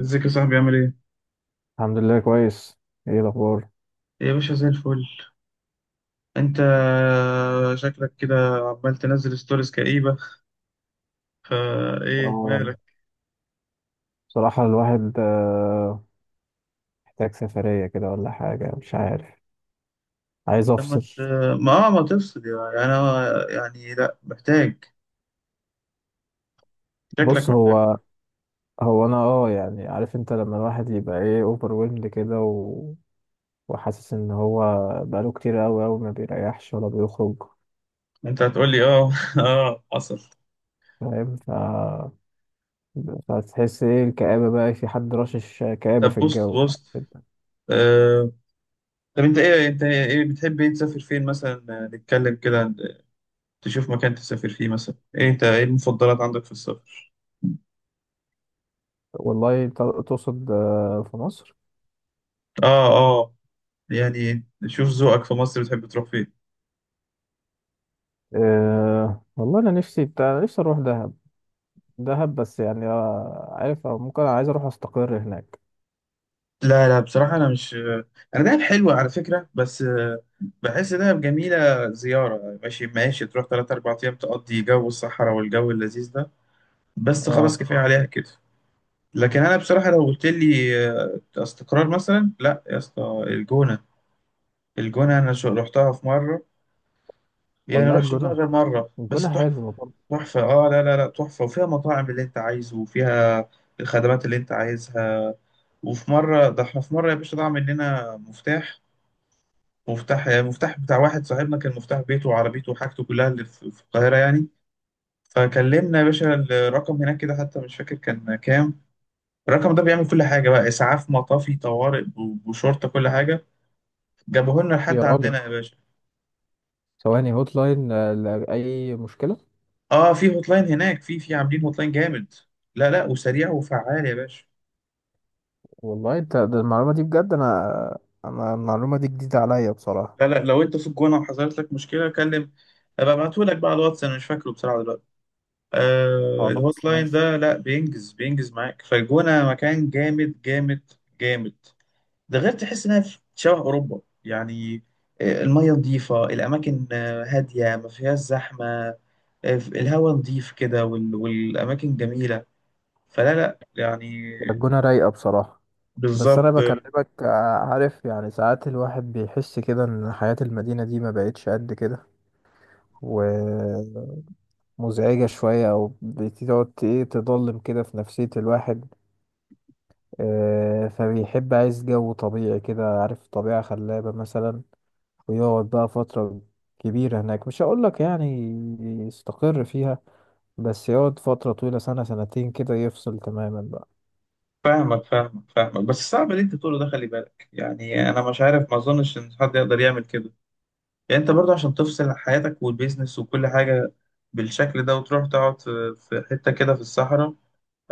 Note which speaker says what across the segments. Speaker 1: ازيك يا صاحبي عامل ايه؟
Speaker 2: الحمد لله كويس. ايه الاخبار؟
Speaker 1: يا باشا زي الفل. انت شكلك كده عمال تنزل ستوريز كئيبة، فا ايه
Speaker 2: اه
Speaker 1: مالك؟
Speaker 2: بصراحة الواحد محتاج سفرية كده ولا حاجة، مش عارف. عايز
Speaker 1: لما
Speaker 2: افصل.
Speaker 1: ت... ما ما تفصل، يعني انا يعني لا محتاج. شكلك
Speaker 2: بص،
Speaker 1: محتاج.
Speaker 2: هو انا اه يعني، عارف انت لما الواحد يبقى ايه اوفر ويلد كده وحاسس ان هو بقاله كتير اوي اوي ما بيريحش ولا بيخرج.
Speaker 1: انت هتقول لي اه اه حصل.
Speaker 2: فاهم؟ فتحس ايه الكآبة بقى، في حد رشش كآبة
Speaker 1: طب
Speaker 2: في
Speaker 1: بص
Speaker 2: الجو.
Speaker 1: بص آه. طب انت ايه، انت ايه بتحب، ايه تسافر فين مثلا؟ آه، نتكلم كده عن- تشوف مكان تسافر فيه مثلا، ايه انت ايه المفضلات عندك في السفر؟
Speaker 2: والله تقصد في مصر؟
Speaker 1: اه اه، يعني شوف ذوقك في مصر، بتحب تروح فين؟
Speaker 2: آه والله انا نفسي بتاع نفسي اروح دهب. دهب بس يعني عارف، أو ممكن أنا عايز أروح أستقر هناك.
Speaker 1: لا لا بصراحة أنا مش، أنا دهب حلوة على فكرة بس بحس دهب جميلة زيارة. ماشي ماشي تروح تلات أربع أيام تقضي جو الصحراء والجو اللذيذ ده، بس
Speaker 2: آه
Speaker 1: خلاص كفاية عليها كده. لكن أنا بصراحة لو قلت لي استقرار مثلا، لا يا اسطى الجونة. الجونة أنا رحتها في مرة، يعني
Speaker 2: والله
Speaker 1: رحتش الجونة
Speaker 2: الجونة،
Speaker 1: غير مرة بس
Speaker 2: الجونة
Speaker 1: تحفة.
Speaker 2: حلوة برضه.
Speaker 1: تحفة آه، لا لا لا، تحفة وفيها مطاعم اللي أنت عايزه وفيها الخدمات اللي أنت عايزها. وفي مرة، ده احنا في مرة يا باشا ضاع مننا مفتاح، مفتاح يعني مفتاح بتاع واحد صاحبنا، كان مفتاح بيته وعربيته وحاجته كلها اللي في القاهرة يعني. فكلمنا يا باشا الرقم هناك كده، حتى مش فاكر كان كام، الرقم ده بيعمل كل حاجة بقى، إسعاف مطافي طوارئ بشرطة كل حاجة، جابوه لنا
Speaker 2: يا
Speaker 1: لحد
Speaker 2: راجل،
Speaker 1: عندنا يا باشا.
Speaker 2: ثواني، هوت لاين لأي مشكلة؟
Speaker 1: اه في هوت لاين هناك، في عاملين هوت لاين جامد، لا لا وسريع وفعال يا باشا.
Speaker 2: والله أنت ده المعلومة دي بجد. أنا المعلومة دي جديدة عليا بصراحة.
Speaker 1: لا لا لو انت في الجونة وحصلت لك مشكلة كلم، ابقى ابعتهولك بقى على الواتس، انا مش فاكره بصراحة دلوقتي. آه
Speaker 2: خلاص
Speaker 1: الهوت لاين
Speaker 2: ماشي.
Speaker 1: ده لا بينجز معاك، فالجونة مكان جامد جامد جامد. ده غير تحس انها في شبه اوروبا يعني، المية نظيفة، الأماكن هادية ما فيهاش زحمة، الهواء نظيف كده والأماكن جميلة، فلا لا يعني.
Speaker 2: الجونة رايقة بصراحة. بس أنا
Speaker 1: بالظبط آه.
Speaker 2: بكلمك، عارف يعني ساعات الواحد بيحس كده إن حياة المدينة دي ما بقتش قد كده، ومزعجة شوية. أو بتقعد إيه، تضلم كده في نفسية الواحد. فبيحب، عايز جو طبيعي كده، عارف، طبيعة خلابة مثلا، ويقعد بقى فترة كبيرة هناك. مش هقولك يعني يستقر فيها، بس يقعد فترة طويلة، سنة سنتين كده، يفصل تماما بقى.
Speaker 1: فاهمك فاهمك فاهمك، بس صعب اللي أنت تقوله ده، خلي بالك، يعني أنا مش عارف، ما أظنش إن حد يقدر يعمل كده. يعني انت برضه عشان تفصل حياتك والبيزنس وكل حاجة بالشكل ده، وتروح تقعد في حتة كده في الصحراء،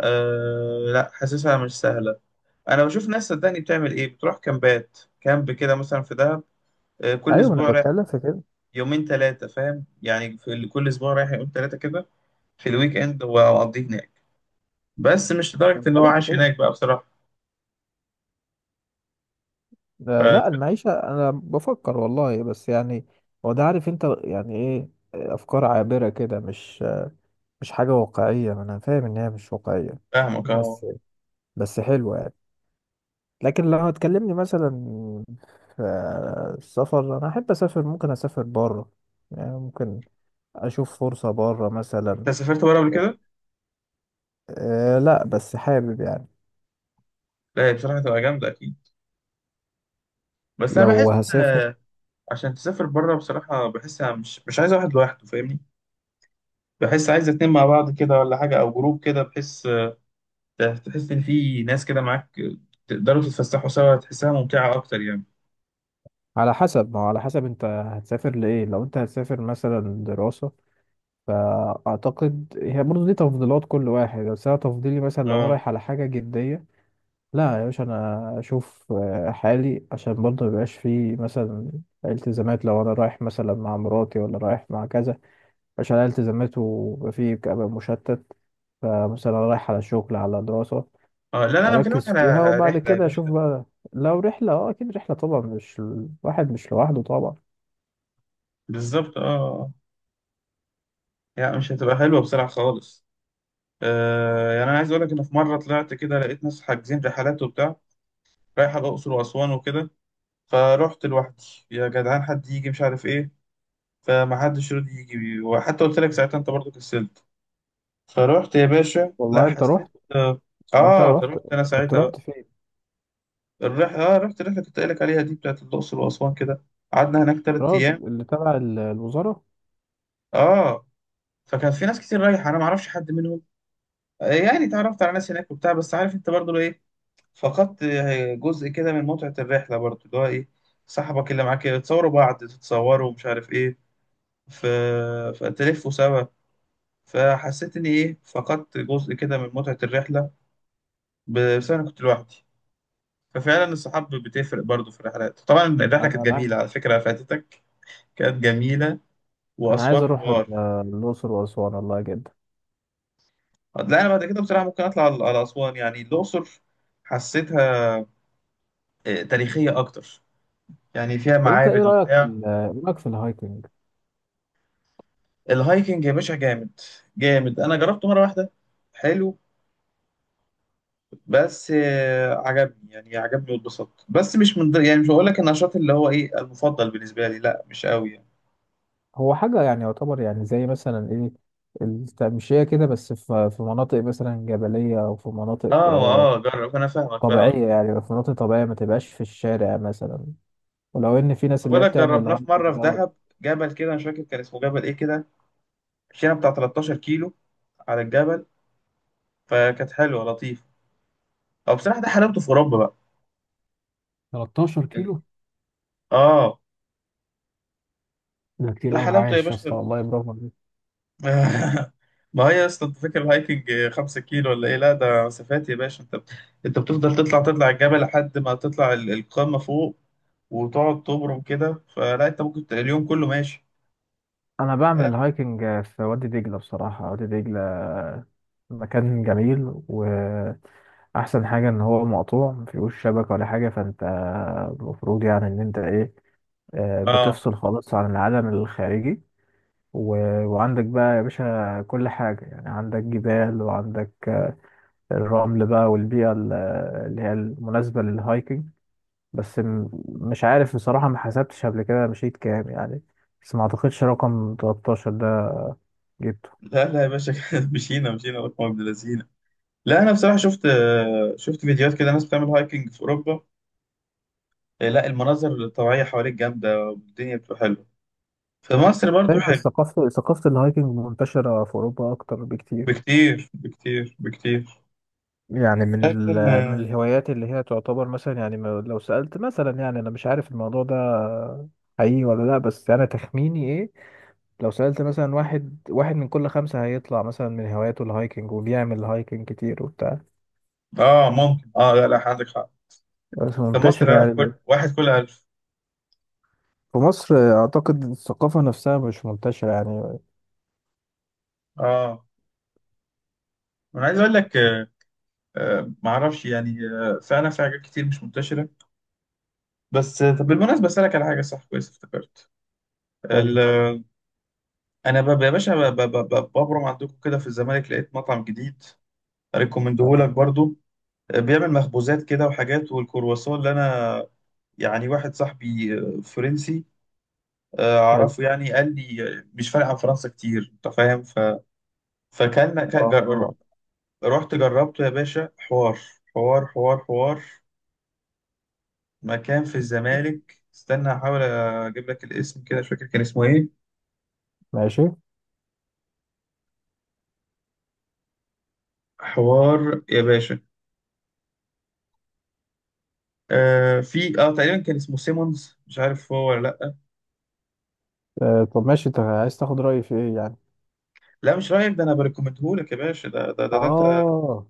Speaker 1: آه لا حاسسها مش سهلة. انا بشوف ناس صدقني بتعمل ايه، بتروح كامبات، كامب كده مثلا في دهب، آه كل
Speaker 2: ايوه انا
Speaker 1: اسبوع رايح
Speaker 2: بتكلم في كده.
Speaker 1: يومين ثلاثة، فاهم يعني، كل اسبوع رايح يومين ثلاثة كده في الويك اند واقضيه هناك، بس مش
Speaker 2: انا
Speaker 1: لدرجة ان هو
Speaker 2: بتكلم في
Speaker 1: عايش
Speaker 2: كده
Speaker 1: هناك بقى بصراحة.
Speaker 2: لا المعيشة أنا بفكر والله، بس يعني هو ده، عارف أنت يعني إيه، أفكار عابرة كده، مش حاجة واقعية. أنا فاهم إن هي مش واقعية،
Speaker 1: فاهمك اهو.
Speaker 2: بس بس حلوة يعني. لكن لو هتكلمني مثلا في السفر، انا احب اسافر، ممكن اسافر بره يعني. ممكن اشوف فرصة بره مثلا.
Speaker 1: انت سافرت بره قبل كده؟
Speaker 2: أه لا بس حابب يعني.
Speaker 1: لا هي بصراحة تبقى جامدة اكيد، بس انا
Speaker 2: لو
Speaker 1: بحس،
Speaker 2: هسافر،
Speaker 1: عشان تسافر بره بصراحة بحس أنا مش عايز واحد لوحده، فاهمني؟ بحس عايز اتنين مع بعض كده ولا حاجة، أو جروب كده، بحس تحس إن في ناس كده معاك تقدروا تتفسحوا سوا، تحسها ممتعة أكتر يعني.
Speaker 2: على حسب ما هو، على حسب انت هتسافر لايه. لو انت هتسافر مثلا دراسة، فاعتقد هي برضه دي تفضيلات كل واحد. بس انا تفضيلي مثلا لو انا
Speaker 1: اه
Speaker 2: رايح على حاجة جدية، لا يا باشا، انا اشوف حالي، عشان برضه ميبقاش فيه مثلا التزامات. لو انا رايح مثلا مع مراتي ولا رايح مع كذا، عشان عليها التزامات ويبقى فيه، كأبقى مشتت. فمثلا رايح على شغل، على دراسة،
Speaker 1: اه، لا لا أنا بكلمك
Speaker 2: اركز
Speaker 1: على
Speaker 2: فيها وبعد
Speaker 1: رحلة يا
Speaker 2: كده اشوف
Speaker 1: باشا.
Speaker 2: بقى. لو رحلة، اه اكيد رحلة طبعا، مش الواحد مش لوحده طبعا.
Speaker 1: بالظبط اه آه. يعني مش هتبقى حلوة بصراحة خالص. آه يعني أنا عايز أقول لك إن في مرة طلعت كده، لقيت ناس حاجزين رحلات وبتاع رايحة الأقصر وأسوان وكده، فرحت لوحدي. يا جدعان حد يجي، مش عارف إيه، فما حدش راضي يجي، وحتى قلت لك ساعتها انت برضو كسلت، فروحت يا باشا. لا
Speaker 2: والله انت
Speaker 1: حسيت
Speaker 2: رحت،
Speaker 1: اه،
Speaker 2: انت رحت
Speaker 1: فروحت انا
Speaker 2: انت كنت
Speaker 1: ساعتها
Speaker 2: رحت
Speaker 1: بقى.
Speaker 2: فين؟
Speaker 1: اه رحت الرحله اللي كنت قايل لك عليها دي بتاعت الاقصر واسوان كده، قعدنا هناك ثلاث ايام.
Speaker 2: الراجل اللي تبع الوزارة.
Speaker 1: اه فكان في ناس كتير رايحه، انا ما اعرفش حد منهم، يعني اتعرفت على ناس هناك وبتاع، بس عارف انت برضه لو ايه، فقدت جزء كده من متعه الرحله برضه، اللي هو ايه، صاحبك اللي معاك تصوروا بعض تتصوروا ومش عارف ايه، ف... فتلفوا سوا. فحسيت اني ايه، فقدت جزء كده من متعه الرحله بسبب انا كنت لوحدي. ففعلا الصحاب بتفرق برضو في الرحلات طبعا. الرحله كانت
Speaker 2: انا
Speaker 1: جميله
Speaker 2: معاك.
Speaker 1: على فكره، فاتتك، كانت جميله.
Speaker 2: انا عايز
Speaker 1: واسوان
Speaker 2: اروح
Speaker 1: حوار.
Speaker 2: الاقصر واسوان، والله جدا.
Speaker 1: لا انا بعد كده بصراحه ممكن اطلع على على اسوان، يعني الاقصر حسيتها تاريخيه اكتر، يعني فيها
Speaker 2: طب انت ايه
Speaker 1: معابد
Speaker 2: رايك في
Speaker 1: وبتاع.
Speaker 2: الهايكنج؟
Speaker 1: الهايكنج يا باشا جامد، جامد، انا جربته مره واحده، حلو، بس عجبني يعني، عجبني واتبسطت، بس مش من ضمن- يعني مش هقول لك النشاط اللي هو ايه المفضل بالنسبه لي، لا مش قوي يعني.
Speaker 2: هو حاجه يعني، يعتبر يعني زي مثلا ايه، التمشيه كده، بس في في مناطق مثلا جبليه، او في مناطق
Speaker 1: اه اه جرب، انا فاهمك فاهمك.
Speaker 2: طبيعيه، يعني في مناطق طبيعيه، ما تبقاش في الشارع مثلا. ولو ان في ناس اللي
Speaker 1: بقول
Speaker 2: هي
Speaker 1: لك
Speaker 2: بتعمل
Speaker 1: جربناه في
Speaker 2: الهايكنج
Speaker 1: مره في
Speaker 2: دوت.
Speaker 1: دهب، جبل كده مش فاكر كان اسمه جبل ايه كده، مشينا بتاع 13 كيلو على الجبل، فكانت حلوه لطيفه، او بصراحه ده حلاوته في اوروبا بقى.
Speaker 2: 13 كيلو؟
Speaker 1: اه
Speaker 2: ده
Speaker 1: ده
Speaker 2: كتير قوي،
Speaker 1: حلاوته يا
Speaker 2: عايش يا اسطى،
Speaker 1: باشا
Speaker 2: والله برافو عليك.
Speaker 1: ما هي يا اسطى انت فاكر الهايكنج 5 كيلو ولا ايه؟ لا ده مسافات يا باشا، انت انت بتفضل تطلع، تطلع الجبل لحد ما تطلع القمه فوق، وتقعد تبرم كده، فلا انت ممكن اليوم كله ماشي.
Speaker 2: انا بعمل الهايكنج في وادي دجله، بصراحه وادي دجله مكان جميل، و احسن حاجه ان هو مقطوع، مفيهوش شبكه ولا حاجه. فانت المفروض يعني ان انت ايه،
Speaker 1: اه
Speaker 2: بتفصل خالص عن العالم الخارجي. و... وعندك بقى يا باشا كل حاجه، يعني عندك جبال وعندك الرمل بقى، والبيئه اللي هي المناسبه للهايكنج. بس مش عارف بصراحه، ما حسبتش قبل كده مشيت كام يعني، بس ما اعتقدش رقم 13 ده جبته.
Speaker 1: لا لا يا باشا مشينا رقم ابن لذينه. لا انا بصراحه شفت فيديوهات كده ناس بتعمل هايكنج في اوروبا، لا المناظر الطبيعيه حواليك جامده، والدنيا بتبقى حلوه. في مصر برضو
Speaker 2: فعلا
Speaker 1: حلو.
Speaker 2: ثقافه، الهايكنج منتشره في اوروبا اكتر بكتير.
Speaker 1: بكتير بكتير بكتير.
Speaker 2: يعني من
Speaker 1: لكن
Speaker 2: من
Speaker 1: اه،
Speaker 2: الهوايات اللي هي تعتبر مثلا، يعني لو سألت مثلا، يعني أنا مش عارف الموضوع ده حقيقي ولا لأ، بس أنا تخميني إيه، لو سألت مثلا، واحد واحد من كل خمسة هيطلع مثلا من هواياته الهايكنج، وبيعمل هايكنج كتير وبتاع.
Speaker 1: آه، ممكن اه لا لا عندك حق.
Speaker 2: بس
Speaker 1: في مصر
Speaker 2: منتشرة
Speaker 1: لا، كل
Speaker 2: يعني.
Speaker 1: واحد كل ألف.
Speaker 2: في مصر أعتقد الثقافة نفسها مش منتشرة يعني.
Speaker 1: اه انا عايز اقول لك آه، آه معرفش يعني، آه فعلا في حاجات كتير مش منتشره. بس آه، طب بالمناسبه اسالك على حاجه، صح كويس افتكرت. ال-
Speaker 2: حلو.
Speaker 1: آه، انا يا باشا ببرم عندكم كده في الزمالك، لقيت مطعم جديد،
Speaker 2: آه،
Speaker 1: ريكومندهولك برضو، بيعمل مخبوزات كده وحاجات، والكرواسون اللي انا، يعني واحد صاحبي فرنسي
Speaker 2: حلو.
Speaker 1: اعرفه يعني قال لي مش فارق عن فرنسا كتير، انت فاهم، فكان
Speaker 2: آه،
Speaker 1: رحت جربته يا باشا حوار، حوار حوار حوار، مكان في الزمالك، استنى احاول اجيب لك الاسم، كده مش فاكر كان اسمه ايه،
Speaker 2: ماشي.
Speaker 1: حوار يا باشا. آه في اه تقريبا كان اسمه سيمونز، مش عارف هو ولا لا.
Speaker 2: طب ماشي، أنت عايز تاخد رأيي في إيه يعني؟
Speaker 1: لا مش رايك ده، انا بريكومندهولك يا باشا، ده انت،
Speaker 2: آه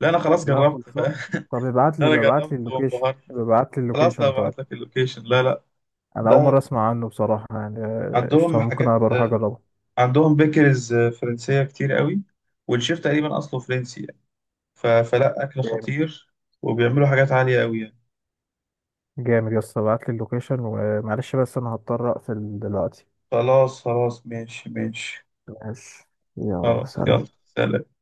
Speaker 1: لا انا خلاص
Speaker 2: لا
Speaker 1: جربت
Speaker 2: خلصان. طب ابعت
Speaker 1: انا
Speaker 2: لي ابعت لي
Speaker 1: جربت
Speaker 2: اللوكيشن.
Speaker 1: وانبهرت.
Speaker 2: ابعت لي
Speaker 1: خلاص انا
Speaker 2: اللوكيشن طيب.
Speaker 1: هبعت لك اللوكيشن، لا لا
Speaker 2: انا اول
Speaker 1: ده
Speaker 2: مره اسمع عنه بصراحه، يعني
Speaker 1: عندهم
Speaker 2: قشطه، ممكن
Speaker 1: حاجات
Speaker 2: انا بروح اجربه.
Speaker 1: عندهم بيكرز فرنسية كتير قوي، والشيف تقريبا اصله فرنسي يعني، فلا اكل
Speaker 2: جامد.
Speaker 1: خطير، وبيعملوا حاجات عالية قوي يعني.
Speaker 2: جامد يا اسطى، ابعت لي اللوكيشن، ومعلش بس انا هضطر اقفل دلوقتي.
Speaker 1: خلاص خلاص، ماشي ماشي.
Speaker 2: ماشي. يلا
Speaker 1: خلاص
Speaker 2: سلام.
Speaker 1: يلا، سلام.